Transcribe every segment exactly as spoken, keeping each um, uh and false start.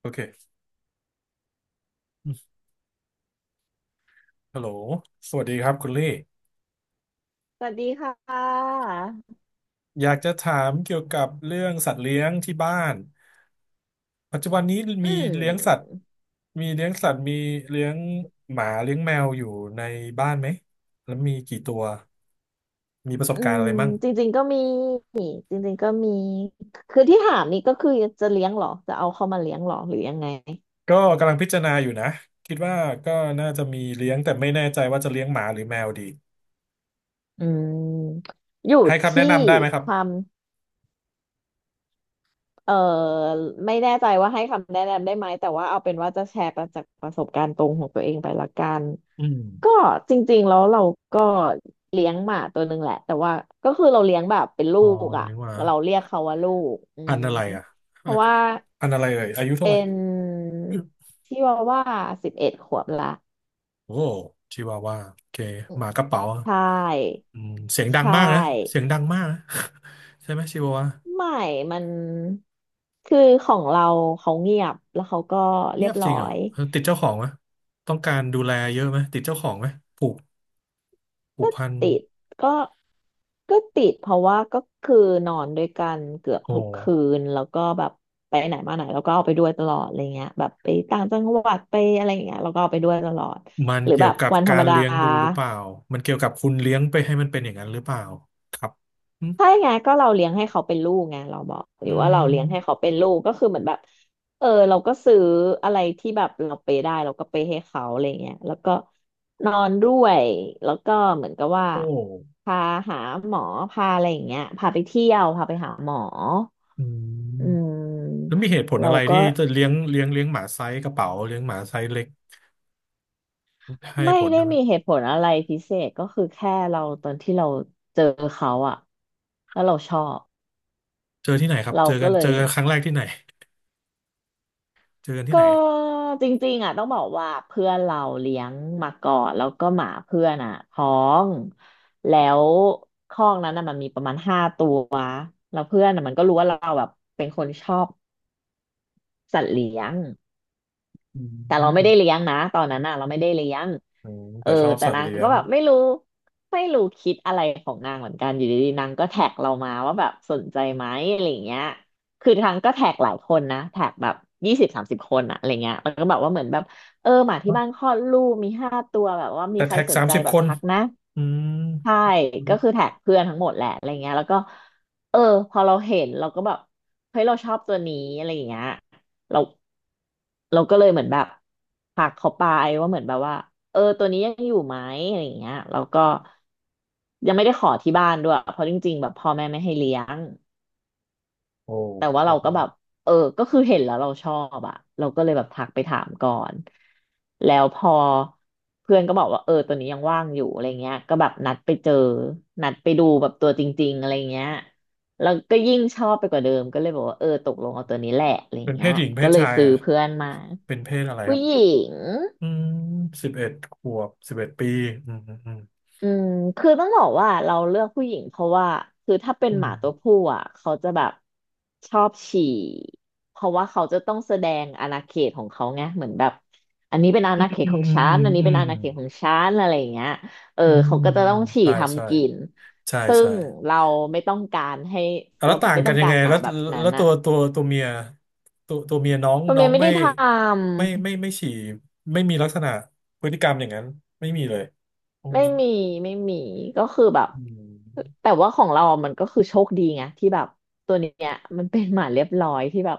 โอเคฮัลโหลสวัสดีครับคุณลี่สวัสดีค่ะอยากจะถามเกี่ยวกับเรื่องสัตว์เลี้ยงที่บ้านปัจจุบันนี้อืมีเลี้ยงสัตว์มมีเลี้ยงสัตว์มีเลี้ยงหมาเลี้ยงแมวอยู่ในบ้านไหมแล้วมีกี่ตัวมีประสบอืการณ์อะมไรมั่งจริงๆก็มีจริงๆก็มี คือที่ถามนี่ก็คือจะเลี้ยงเหรอ จะเอาเข้ามาเลี้ยงเหรอ หรือยังไงก็กำลังพิจารณาอยู่นะคิดว่าก็น่าจะมีเลี้ยงแต่ไม่แน่ใจว่าจะเลี้ยงหมาหรือแมวดีอืมอยู่ให้คำแนะที่นำได้ไหมครับความเออไม่แน่ใจว่าให้คำแนะนำได้ไหมแต่ว่าเอาเป็นว่าจะแชร์ประจากประสบการณ์ตรงของตัวเองไปละกันอืมก็จริงๆแล้วเราก็เลี้ยงหมาตัวหนึ่งแหละแต่ว่าก็คือเราเลี้ยงแบบเป็นลูอ๋อกอ่ะเลี้ยงหมาเราเรียกเขาว่าลูกอืพันมธุ์อะไรอ่ะเพราะว่า พันธุ์อะไรเอ่ยอายุเท่าไหเป็ร่ นชิวาว่าสิบเอ็ดขวบละโอ้ชิวาว่าโอเคอืหมมากระเป๋าอใช่ืมเสียงดัใชงมากนะ่เสียงดังมากนะ ใช่ไหมชิวาว่าไม่มันคือของเราเขาเงียบแล้วเขาก็เรีเงียยบบจร้ริองเหรอยเออติดเจ้าของไหมต้องการดูแลเยอะไหมติดเจ้าของไหมผูกผูกก็พันติดก็ก็ติดเพราะว่าก็คือนอนด้วยกันเกือบโอ้ทุกคืนแล้วก็แบบไปไหนมาไหนเราก็เอาไปด้วยตลอดอะไรเงี้ยแบบไปต่างจังหวัดไปอะไรอย่างเงี้ยเราก็เอาไปด้วยตลอดมันหรือเกี่แบยวบกับวันธรการมรดา เลี้ยงดูหรือเปล่ามันเกี่ยวกับคุณเลี้ยงไปให้มันเป็นอย่างนั้นหรือเปล่าครับอืมใช่ไงก็เราเลี้ยงให้เขาเป็นลูกไงเราบอกหอืรือว่าเราเลี้ยงให้มเขาเป็นลูกก็คือเหมือนแบบเออเราก็ซื้ออะไรที่แบบเราไปได้เราก็ไปให้เขาอะไรเงี้ยแล้วก็นอนด้วยแล้วก็เหมือนกับว่าโอ้พาหาหมอพาอะไรอย่างเงี้ยพาไปเที่ยวพาไปหาหมออือืมแล้มวมีเหตุผลเราอะไรที่ก็จะเลี้ยงเลี้ยงเลี้ยงหมาไซส์กระเป๋าเลี้ยงหมาไซส์เล็กให้ไม่ผลได้นะมั้มียเหตุผลอะไรพิเศษก็คือแค่เราตอนที่เราเจอเขาอะแล้วเราชอบเจอที่ไหนครับเราเจอก็กันเลเจอย กันครั้งแรกที่ไหน เจอกันที่ก็ไหนอะจริงๆอ่ะต้องบอกว่าเพื่อนเราเลี้ยงมาก่อนแล้วก็หมาเพื่อนอ่ะท้องแล้วคอกนั้นน่ะมันมีประมาณห้าตัวแล้วเพื่อนน่ะมันก็รู้ว่าเราแบบเป็นคนชอบสัตว์เลี้ยง อืแต่เราไม่ได้มเลี้ยงนะตอนนั้นน่ะเราไม่ได้เลี้ยงอืม เอแต่อชอบแต่สัตว์นางเลี้ยก็ง แบบไม่รู้ไม่รู้คิดอะไรของนางเหมือนกันอยู่ดีๆนางก็แท็กเรามาว่าแบบสนใจไหมอะไรอย่างเงี้ยคือทางก็แท็กหลายคนนะแท็กแบบยี่สิบสามสิบคนอะอะไรเงี้ยมันก็แบบว่าเหมือนแบบเออหมาที่บ้านคลอดลูกมีห้าตัวแบบว่ามีแต่ใครแท็กสนสามใจสิบแบคบนทักนะอืมใช่อืม ก็คือแท็กเพื่อนทั้งหมดแหละอะไรเงี้ยแล้วก็เออพอเราเห็นเราก็แบบเฮ้ยเราชอบตัวนี้อะไรอย่างเงี้ย เราเราก็เลยเหมือนแบบทักเขาไปว่าเหมือนแบบว่าเออตัวนี้ยังอยู่ไหมอะไรอย่างเงี้ยแล้วก็ยังไม่ได้ขอที่บ้านด้วยเพราะจริงๆแบบพ่อแม่ไม่ให้เลี้ยง โอ้แต่ว่าโหเราก็แบบเออก็คือเห็นแล้วเราชอบอะเราก็เลยแบบทักไปถามก่อนแล้วพอเพื่อนก็บอกว่าเออตัวนี้ยังว่างอยู่อะไรเงี้ยก็แบบนัดไปเจอนัดไปดูแบบตัวจริงๆอะไรเงี้ยแล้วก็ยิ่งชอบไปกว่าเดิมก็เลยบอกว่าเออตกลงเอาตัวนี้แหละอะไรเป็นเพเงี้ยศหญิงเพก็ศเลยชายซื้ออ่ะ เพื่อนมาเป็นเพศอะไรคผู้รับ หญิง อืมสิบเอ็ดขวบสิบเอ็ดปีอืมอืมอืมคือต้องบอกว่าเราเลือกผู้หญิงเพราะว่าคือถ้าเป็นอืหมมาตัวผู้อ่ะเขาจะแบบชอบฉี่เพราะว่าเขาจะต้องแสดงอาณาเขตของเขาไงเหมือนแบบอันนี้เป็นอาณาเขตอืขอม งฉัอืนม อันนี้อืเป็นมอาณาเขตของฉันอะไรอย่างเงี้ยเอออืมเขาอืก็มจะอืต้อมงฉี่ใช่ใช่ ทำกินใช่ซึ่ใช่ งเราไม่ต้องการให้อ่ะแล้เราวต่างไม่กัต้อนงยังกาไงรหมาแล้วแบบนั้แล้นวตัอ่ะวตัวตัวเมียตัวตัวเมียน้องตัวน้อเมียงไม่ไม่ได้ทไม่ไม่ำ ไม่ฉี่ไม่มีลักษณะพฤติกรรมอย่างนั้นไม่มีเลยอืไม่มมีไม่มีก็คือแบบอืมแต่ว่าของเราอะมันก็คือโชคดีไงที่แบบตัวเนี้ยมันเป็นหมาเรียบร้อยที่แบบ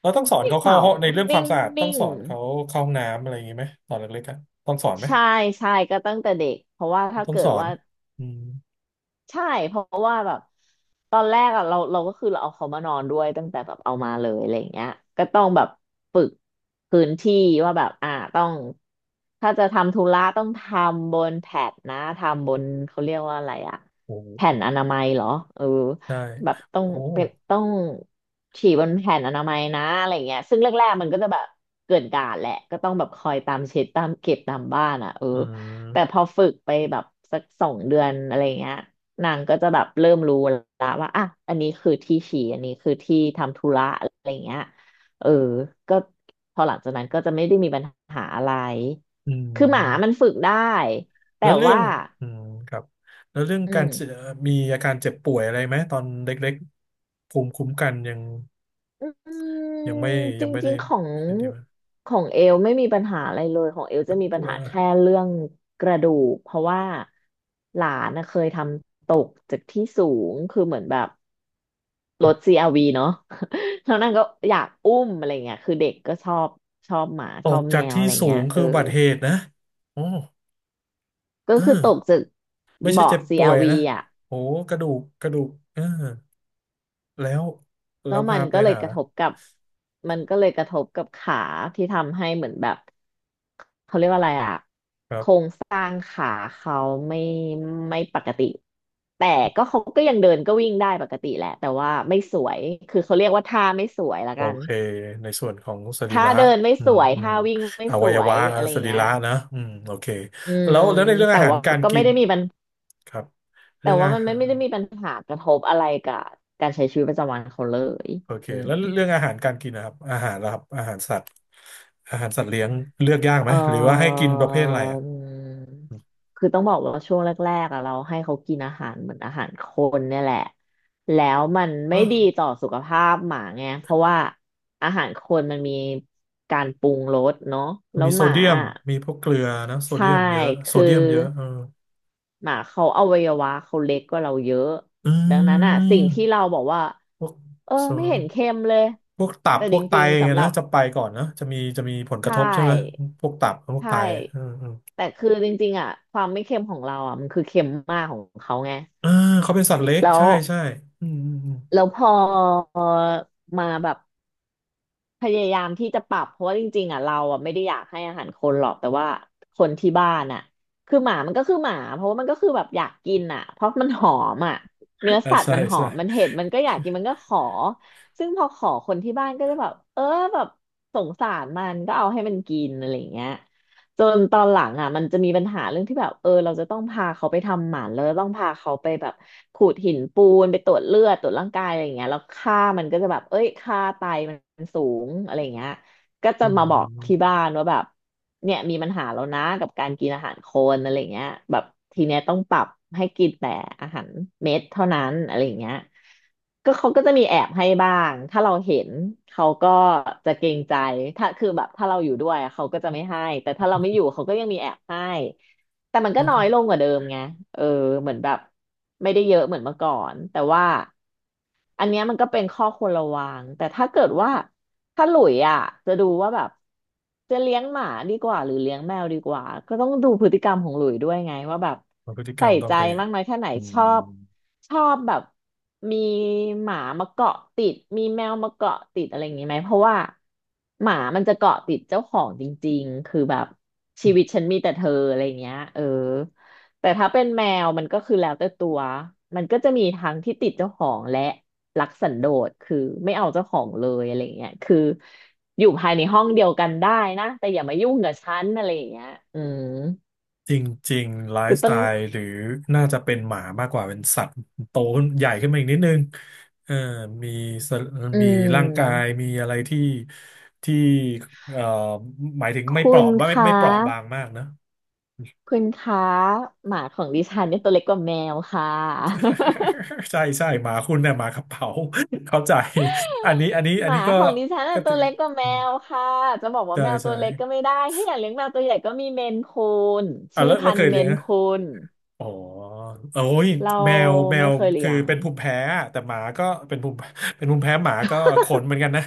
เราต้องสอนไม่เขาเข้าเห่าห้องในเรื่องคนิ่วามงสะอาดต้อนิ่งงสอนเขาเข้าห้องน้ำอะไรอย่างนี้ไหมตอนเล็กๆอะต้องสอนไหมใช่ใช่ก็ตั้งแต่เด็กเพราะว่าถ้าต้องเกิสดอนว่า อืมใช่เพราะว่าแบบตอนแรกอะเราเราก็คือเราเอาเขามานอนด้วยตั้งแต่แบบเอามาเลยอะไรอย่างเงี้ยก็ต้องแบบฝึกพื้นที่ว่าแบบอ่าต้องถ้าจะทำธุระต้องทำบนแพดนะทำบนเขาเรียกว่าอะไรอะโอแผ่้นอนามัยเหรอเออได้แบบต้องโอ้เป็นต้องฉี่บนแผ่นอนามัยนะอะไรอย่างเงี้ยซึ่งแรกๆมันก็จะแบบเกินกาดแหละก็ต้องแบบคอยตามเช็ดตามเก็บตามบ้านอะเอออืแต่มพอฝึกไปแบบสักสองเดือนอะไรเงี้ย นางก็จะแบบเริ่มรู้แล้วว่าอ่ะอันนี้คือที่ฉี่อันนี้คือที่ทำธุระอะไรอย่างเงี้ยเออก็พอหลังจากนั้นก็จะไม่ได้มีปัญหาอะไรอืคือหมามันมฝึกได้แต่แล้วเรื่อว่างอืมครับแล้วเรื่องอืการมเจ็บมีอาการเจ็บป่วยอะไรไหมตอนเล็กๆภูมิคุ้มกันยัง อืยังไม่มจยัรงไม่ได้ิงๆของไม่ได้ดีมากของเอลไม่มีปัญหาอะไรเลยของเอลแต่จะมีปัป่ญวหายแค่เรื่องกระดูกเพราะว่าหลานนะเคยทำตกจากที่สูงคือเหมือนแบบ รถซีอาร์วีเนาะ แล้วนางก็อยากอุ้มอะไรเงี้ยคือเด็กก็ชอบชอบหมาตชอกบจาแมกวที่อะไรสูเงี้ยงเอคือออุบัติเหตุนะโอ้ก็เอคือตอกจากไม่ใช่เบาะเจ็บซีป่วอายร์วีนะอ่ะโอ้กระดูกกระดูกเออแล้วแล้ก็วมัพานไปก็เลยหากระทบกับมันก็เลยกระทบกับขาที่ทำให้เหมือนแบบเขาเรียกว่าอะไรอ่ะครัโครบงสร้างขาเขาไม่ไม่ปกติแต่ก็เขาก็ยังเดินก็วิ่งได้ปกติแหละแต่ว่าไม่สวยคือเขาเรียกว่าท่าไม่สวยละโอกัน เคในส่วนของสรีถ้าระเดินไม่อืสมวยอืมถ้าวิ่งไม่อสวัยวยวะอะไรอสย่างรีเงี้ยระนะอืมโอเคอืมแล้วแล้วในเรื่องแต่อาหารว่าการก็กิไม่นได้มีปัญครับแต่เรื่องว่าอามันหาไม่ไม่รได้มีปัญหากระทบอะไรกับการใช้ชีวิตประจำวันเขาเลยโอเคอืแล้วมเรื่องอาหารการกินนะครับอาหารนะครับอาหารสัตว์อาหารสัตว์เลี้ยงเลือกยากไหเมหรือว่าให้ออกินอประเภทอะไรอ่ะ ืมคือต้องบอกว่าช่วงแรกๆอะเราให้เขากินอาหารเหมือนอาหารคนเนี่ยแหละแล้วมันไม่อ่ะดีต่อสุขภาพหมาไงเพราะว่าอาหารคนมันมีการปรุงรสเนาะแล้วมีโซหมาเดียมอะมีพวกเกลือนะโซใช่เดียมเยอะโซคือ เดียมเยอะเออหมาเขาอวัยวะเขาเล็กกว่าเราเยอะอืดังนั้นอ่ะสิ่งที่เรามบอกว่าพวกเออโซไม่เห็นเค็มเลยพวกตับแต่พจวกไตริงอย่าๆงเงี้สำยหรันะบจะไปก่อนนะจะมีจะมีผลใชกระทบใช่ไหม ่พวกตับพวใชกไตอื่มอืมแต่คือจริงๆอ่ะความไม่เค็มของเราอ่ะมันคือเค็มมากของเขาไงเออเขาเป็นสัตว์เล็กแล้วใช่ใช่อืมอืมอืมแล้วพอมาแบบ พยายามที่จะปรับเพราะว่าจริงๆอ่ะเราอ่ะไม่ได้อยากให้อาหารคนหรอกแต่ว่าคนที่บ้านอ่ะคือหมามันก็คือหมาเพราะว่ามันก็คือแบบอยากกินอ่ะเพราะมันหอมอ่ะเนื้ออ่าสัตว์ใช่มันหอใช่มมันเห็นมันก็อยากกินมันก็ขอซึ่งพอขอคนที่บ้านก็จะแบบเออแบบสงสารมันก็เอาให้มันกินอะไรอย่างเงี้ย จนตอนหลังอ่ะมันจะมีปัญหาเรื่องที่แบบเออเราจะต้องพาเขาไปทำหมันแล้วต้องพาเขาไปแบบขูดหินปูนไปตรวจเลือดตรวจร่างกายอะไรอย่างเงี้ยแล้วค่ามันก็จะแบบเอ้ยค่าไตมันสูงอะไรอย่างเงี้ย ก็จะอืมาบอกมที่บ้านว่าแบบเนี่ยมีปัญหาแล้วนะกับการกินอาหารคนอะไรเงี้ยแบบทีเนี้ยต้องปรับให้กินแต่อาหารเม็ดเท่านั้นอะไรเงี้ยก็เขาก็จะมีแอบให้บ้างถ้าเราเห็นเขาก็จะเกรงใจถ้าคือแบบถ้าเราอยู่ด้วยเขาก็จะไม่ให้แต่ถ้าเราไม่อยู่เขาก็ยังมีแอบให้แต่มันก็อ๋น้อยลองกว่าเดิมไงเออเหมือนแบบไม่ได้เยอะเหมือนเมื่อก่อนแต่ว่า อันเนี้ยมันก็เป็นข้อควรระวัง แต่ถ้าเกิดว่าถ้าหลุยอ่ะจะดูว่าแบบจะเลี้ยงหมาดีกว่าหรือเลี้ยงแมวดีกว่า ก็ต้องดูพฤติกรรมของหลุยด้วยไงว่าแบบพฤติกรใส่รมต้องใจเป็นมากน้อยแค่ไหนอืชอบม ชอบแบบมีหมามาเกาะติดมีแมวมาเกาะติดอะไรอย่างนี้ไหมเพราะว่าหมามันจะเกาะติดเจ้าของจริงๆคือแบบชีวิตฉันมีแต่เธออะไรอย่างเงี้ยเออแต่ถ้าเป็นแมวมันก็คือแล้วแต่ตัวมันก็จะมีทั้งที่ติดเจ้าของและ รักสันโดษคือไม่เอาเจ้าของเลยอะไรเงี้ยคืออยู่ภายในห้องเดียวกันได้นะแต่อย่ามายุ่งกับฉันอะไรเงี้ยอืมจริงๆไลก็ฟ์สต้ไตองล์หรือน่าจะเป็นหมามากกว่าเป็นสัตว์โตขึ้นใหญ่ขึ้นมาอีกนิดนึงเออมีสอืมีร่างกายมมีอะไรที่ที่เอ่อหมายถึงไม่เปคุราะณไม่คไม่ะเปราะบางมากนะ คุณคะหมาของดิฉันเนี่ยตัวเล็กกว่าแมวค่ะ ใช่ใช่หมาคุณเนี่ยหมากระเป๋า เข้าใจอันนี้อันนี้อัหนนี้มาก็ของดิฉันก็น่ะตัติวเล็กกว่าแมอืมวค่ะจะบอกว่าใช่แมวตัใช่วเล็กก็ไม่ได้ถ้าอยากเลี้ยงแมวตัวใหญ่ก็มีเมนคูนอ่ะชื่อแล้วแล้วพันเคธุ์ยเมเลี้ยงนไหม คูนอ๋อโอ้ยเราแมวแมไม่วเคยเลี้คือยง เป็นภูมิแพ้อะแต่หมาก็เป็นภูมิ เป็นภูมิแพ้หมาก็ขนเหมือนกันนะ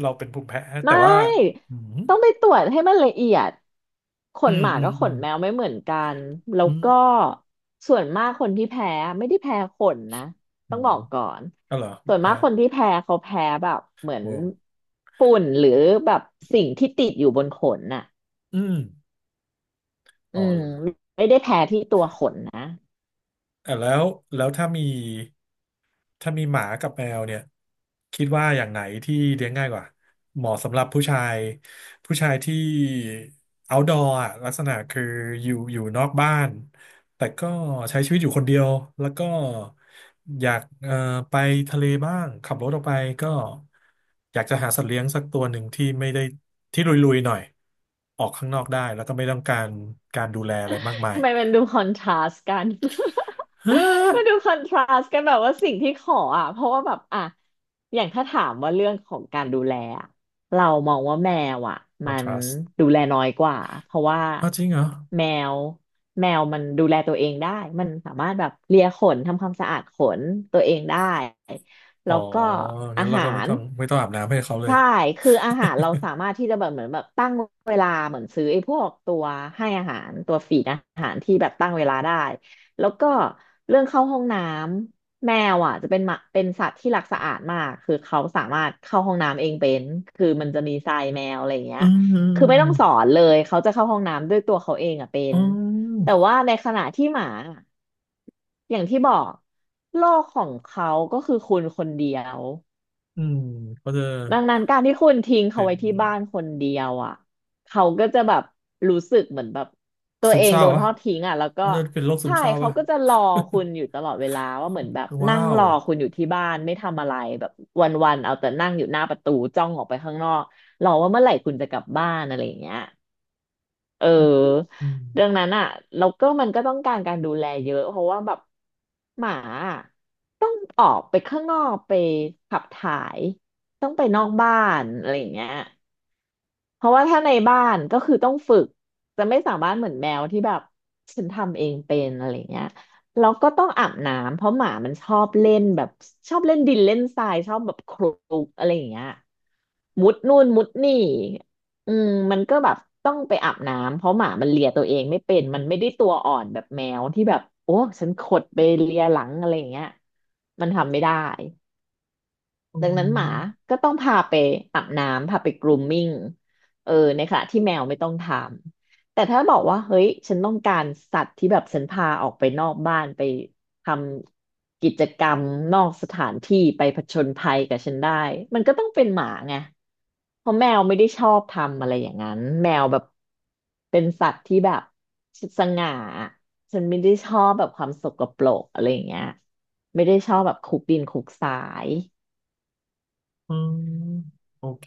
เราเป็นภูมิแพ้ไมแต่ว่า่อืมต้องไปตรวจให้มันละเอียดขอืนมหมาอืมกับขอืนมแมวไม่เหมือนกันแล้อืวก็มส่วนมากคนที่แพ้ไม่ได้แพ้ขนนะอืต้องบมอกก่อนเอาเหรอส่วนมาแพ้กคนที่แพ้เขาแพ้แบบเหมือนโว้วฝุ่นหรือแบบสิ่งที่ติดอยู่บนขนน่ะอืมอือ๋อ มไม่ได้แพ้ที่ตัวขนนะ อ่ะแล้วแล้วถ้ามีถ้ามีหมากับแมวเนี่ยคิดว่าอย่างไหนที่เลี้ยงง่ายกว่าเหมาะสำหรับผู้ชายผู้ชายที่ outdoor อะลักษณะคืออยู่อยู่นอกบ้านแต่ก็ใช้ชีวิตอยู่คนเดียวแล้วก็อยากเอ่อไปทะเลบ้างขับรถออกไปก็อยากจะหาสัตว์เลี้ยงสักตัวหนึ่งที่ไม่ได้ที่ลุยๆหน่อยออกข้างนอกได้แล้วก็ไม่ต้องการการดูแลอะไรมากมาย ทำไมมันดูคอนทราสต์กัน มันดูคอ นทราสต์กันแบบว่าสิ่งที่ขออ่ะเพราะว่าแบบอ่ะอย่างถ้าถามว่าเรื่องของการดูแลอะเรามองว่าแมวอ่ะคอมันทนราส ดูแลน้อยกว่าเพราะว่าอ้าวจริงเหรอ แมวแมวมันดูแลตัวเองได้มันสามารถแบบเลียขนทำความสะอาดขนตัวเองได้อ๋แล้อวก็อางั้นเราหาก็ไม่ร ต้องไม่ต้องอาบน้ำให้เขาเลยใช่คืออาหารเราสามารถที่จะแบบเหมือนแบบตั้งเวลาเหมือนซื้อไอ้พวกตัวให้อาหารตัวฟีดอาหารที่แบบตั้งเวลาได้แล้วก็เรื่องเข้าห้องน้ำแมวอ่ะจะเป็นหมาเป็นสัตว์ที่รักสะอาดมากคือเขาสามารถเข้าห้องน้ำเองเป็นคือมันจะมีทรายแมวอะไรอย่างเงี้อืยมอืมคือือมไม่อืต้อมงสอนเลยเขาจะเข้าห้องน้ำด้วยตัวเขาเองอ่ะเป็อ๋นอแต่ว่าในขณะที่หมาอย่างที่บอกโลกของเขาก็คือคุณคนเดียว อืมเขาจะดังนั้นการที่คุณทิ้งเขาเป็นไว้ที่บ้านคนเดียวอ่ะเขาก็จะแบบรู้สึกเหมือนแบบตัวซึมเอเศงร้าโดนวะทอดทิ้งอ่ะแล้วก็เขาจะเป็นโรคซึมใช่เศร้าเขาวะ ก็จะรอคุณอยู่ตลอดเวลาว่าเหมือนแบบ นั่ว้างรวอคุณอยู่ที่บ้านไม่ทำอะไรแบบวันๆเอาแต่นั่งอยู่หน้าประตูจ้องออกไปข้างนอกรอว่าเมื่อไหร่คุณจะกลับบ้านอะไรอย่างเงี้ยเอออืมดังนั้นอ่ะแล้วก็มันก็ต้องการการดูแลเยอะเพราะว่าแบบหมาอะ ออกไปข้างนอกไปขับถ่ายต้องไปนอกบ้านอะไรอย่างเงี้ย เพราะว่าถ้าในบ้านก็คือต้องฝึกจะไม่สามารถเหมือนแมวที่แบบฉันทำเองเป็นอะไรเงี้ยแล้วก็ต้องอาบน้ำเพราะหมามันชอบเล่นแบบชอบเล่นดินเล่นทรายชอบแบบคลุกอะไรอย่างเงี้ยมุดนู่นมุดนี่อืมมันก็แบบต้องไปอาบน้ำเพราะหมามันเลียตัวเองไม่เป็นมันไม่ได้ตัวอ่อนแบบแมวที่แบบโอ้ฉันขดไปเลียหลังอะไรอย่างเงี้ยมันทำไม่ได้ อืดังนั้นหมามก็ต้องพาไปอาบน้ำพาไป grooming เออในขณะที่แมวไม่ต้องทำแต่ถ้าบอกว่าเฮ้ยฉันต้องการสัตว์ที่แบบฉันพาออกไปนอกบ้านไปทำกิจกรรมนอกสถานที่ไปผจญภัยกับฉันได้มันก็ต้องเป็นหมาไงเพราะแมวไม่ได้ชอบทำอะไรอย่างนั้นแมวแบบเป็นสัตว์ที่แบบสง่าฉันไม่ได้ชอบแบบความสกปรกอะไรอย่างเงี้ยไม่ได้ชอบแบบคุกดินคุกสาย อืมโอเค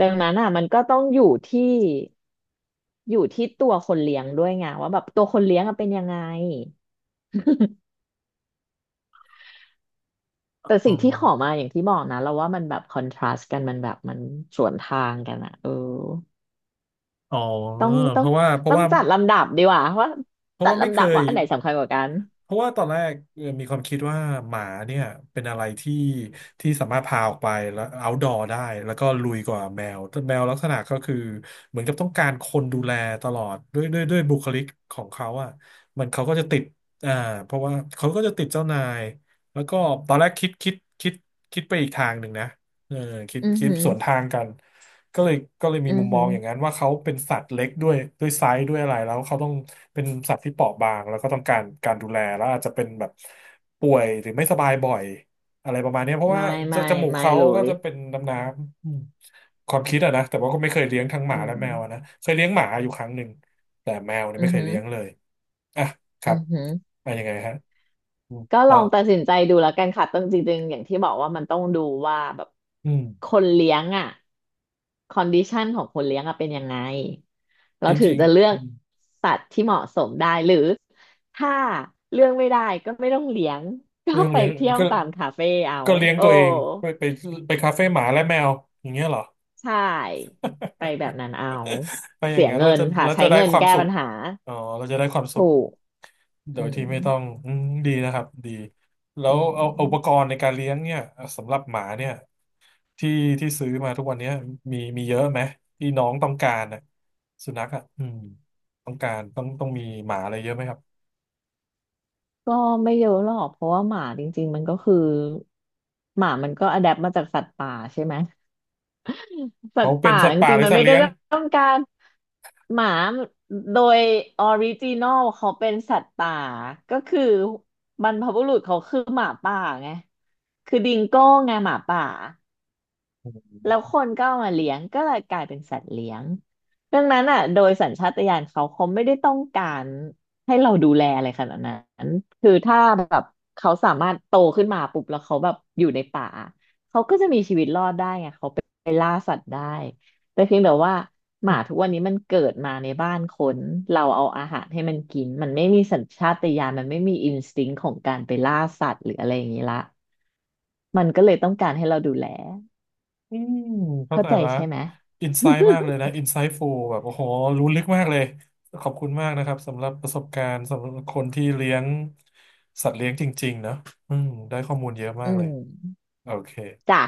ดังนั้นอ่ะมันก็ต้องอยู่ที่อยู่ที่ตัวคนเลี้ยงด้วยไงว่าแบบตัวคนเลี้ยงอะเป็นยังไง แต่อ๋สิ่งที่ขออมาอย่างที่บอกนะเราว่ามันแบบคอนทราสต์กันมันแบบมันสวนทางกันอ่ะเอออ๋อต้องต้เพองราะว่าเพราะต้องว่าจัดลำดับดีกว่าว่าเพราะจัดว่าไม่ลำเคดับย ว่าอันไหนสำคัญกว่ากันเพราะว่าตอนแรกเอ่อมีความคิดว่าหมาเนี่ยเป็นอะไรที่ที่สามารถพาออกไปแล้ว outdoor ได้แล้วก็ลุยกว่าแมวแต่แมวลักษณะก็คือเหมือนกับต้องการคนดูแลตลอดด้วยด้วยด้วยบุคลิกของเขาอ่ะมันเขาก็จะติดอ่าเพราะว่าเขาก็จะติดเจ้านายแล้วก็ตอนแรกคิดคิดคิดคิดไปอีกทางหนึ่งนะเออคิดอือคิดหือสวนทางกัน ก็เลยก็เลยมีอืมุอมมหืองออย่างนั้นว่าเขาเป็นสัตว์เล็กด้วยด้วยไซส์ด้วยอะไรแล้วเขาต้องเป็นสัตว์ที่เปราะบางแล้วก็ต้องการการดูแลแล้วอาจจะเป็นแบบป่วยหรือไม่สบายบ่อยอะไรประมาณเนี้ยเพราะไม่ว่าจไม่จมูกไม่เขาเลก็ยจะเป็นน้ำน้ำอืมความคิดอะนะแต่ว่าก็ไม่เคยเลี้ยงทั้งหอืมาและมแมวอะนะเคยเลี้ยงหมาอยู่ครั้งหนึ่งแต่แมวเนี่ยอืไม่อเคยหือเลี้ยงเลยอ่ะคอืรับอหือ อะยังไงฮะอืมก็ลต่อองตัดสินใจดูแล้วกันค่ะต้องจริงๆอย่างที่บอกว่ามันต้องดูว่าแบบอืคมนเลี้ยงอ่ะคอนดิชันของคนเลี้ยงอ่ะเป็นยังไงเราจถึงริงจะเลืๆออืกมสัตว์ที่เหมาะสมได้หรือถ้าเลือกไม่ได้ก็ไม่ต้องเลี้ยง ก็เรื่องไปเลี้ยงเที่ยวก็ ตามคาเฟ่เอาก็เลี้ยงโอ้ตัวเองไปไปไปคาเฟ่หมาและแมวอย่างเงี้ยเหรอ ใช่ไปแบบนั้นเอา ไปอย่าเสีงยนั้นเงิเรานจะค่ะเราใช้จะได้เงินความแก้สุปัขญหาอ๋อเราจะได้ความสุขถูกโดอืยมที่ไม่ต้องอืมดีนะครับดีแล้วอืเอาอุปกม รณ์ในการเลี้ยงเนี่ยสำหรับหมาเนี่ยที่ที่ซื้อมาทุกวันเนี้ยมีมีเยอะไหมที่น้องต้องการนะสุนัขอ่ะอืมต้องการต้องต้องมีหมาอะไรเยอะไหมครับก็ไม่เยอะหรอกเพราะว่าหมาจริงๆมันก็คือหมามันก็อะแดปมาจากสัตว์ป่าใช่ไหม สัตเขาว์เป็นป่าสัตจว์ป่าริหงรืๆอมันสัตไม่ว์ได้เลี้ยง ต้องการหมาโดยออริจินอลเขาเป็นสัตว์ป่าก็คือบรรพบุรุษเขาคือหมาป่าไงคือดิงโก้ไงหมาป่า แล้วคนก็เอามาเลี้ยงก็เลยกลายเป็นสัตว์เลี้ยงดังนั้นอ่ะโดยสัญชาตญาณเขาเขาไม่ได้ต้องการให้เราดูแลอะไรขนาดนั้นคือถ้าแบบเขาสามารถโตขึ้นมาปุ๊บแล้วเขาแบบอยู่ในป่าไปล่าสัตว์ได้แต่เพียงแต่ว่าหมาทุกวันนี้มันเกิดมาในบ้านคนเราเอาอาหารให้มันกินมันไม่มีสัญชาตญาณมันไม่มีอินสติ้งของการไปล่าสัตว์หรืออะไรอย่างนี้ละมันก็เลยต้องการให้เราดูแลอืมเข้าเข้าใจใจละใช่ไหม อินไซต์มากเลยนะอินไซต์ฟูลแบบโอ้โหรู้ลึกมากเลยขอบคุณมากนะครับสำหรับประสบการณ์สำหรับคนที่เลี้ยงสัตว์เลี้ยงจริงๆเนอะอืมได้ข้อมูลเยอะ มาอืกเลยม โอเคจ้ะ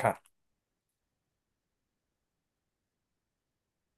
ครับ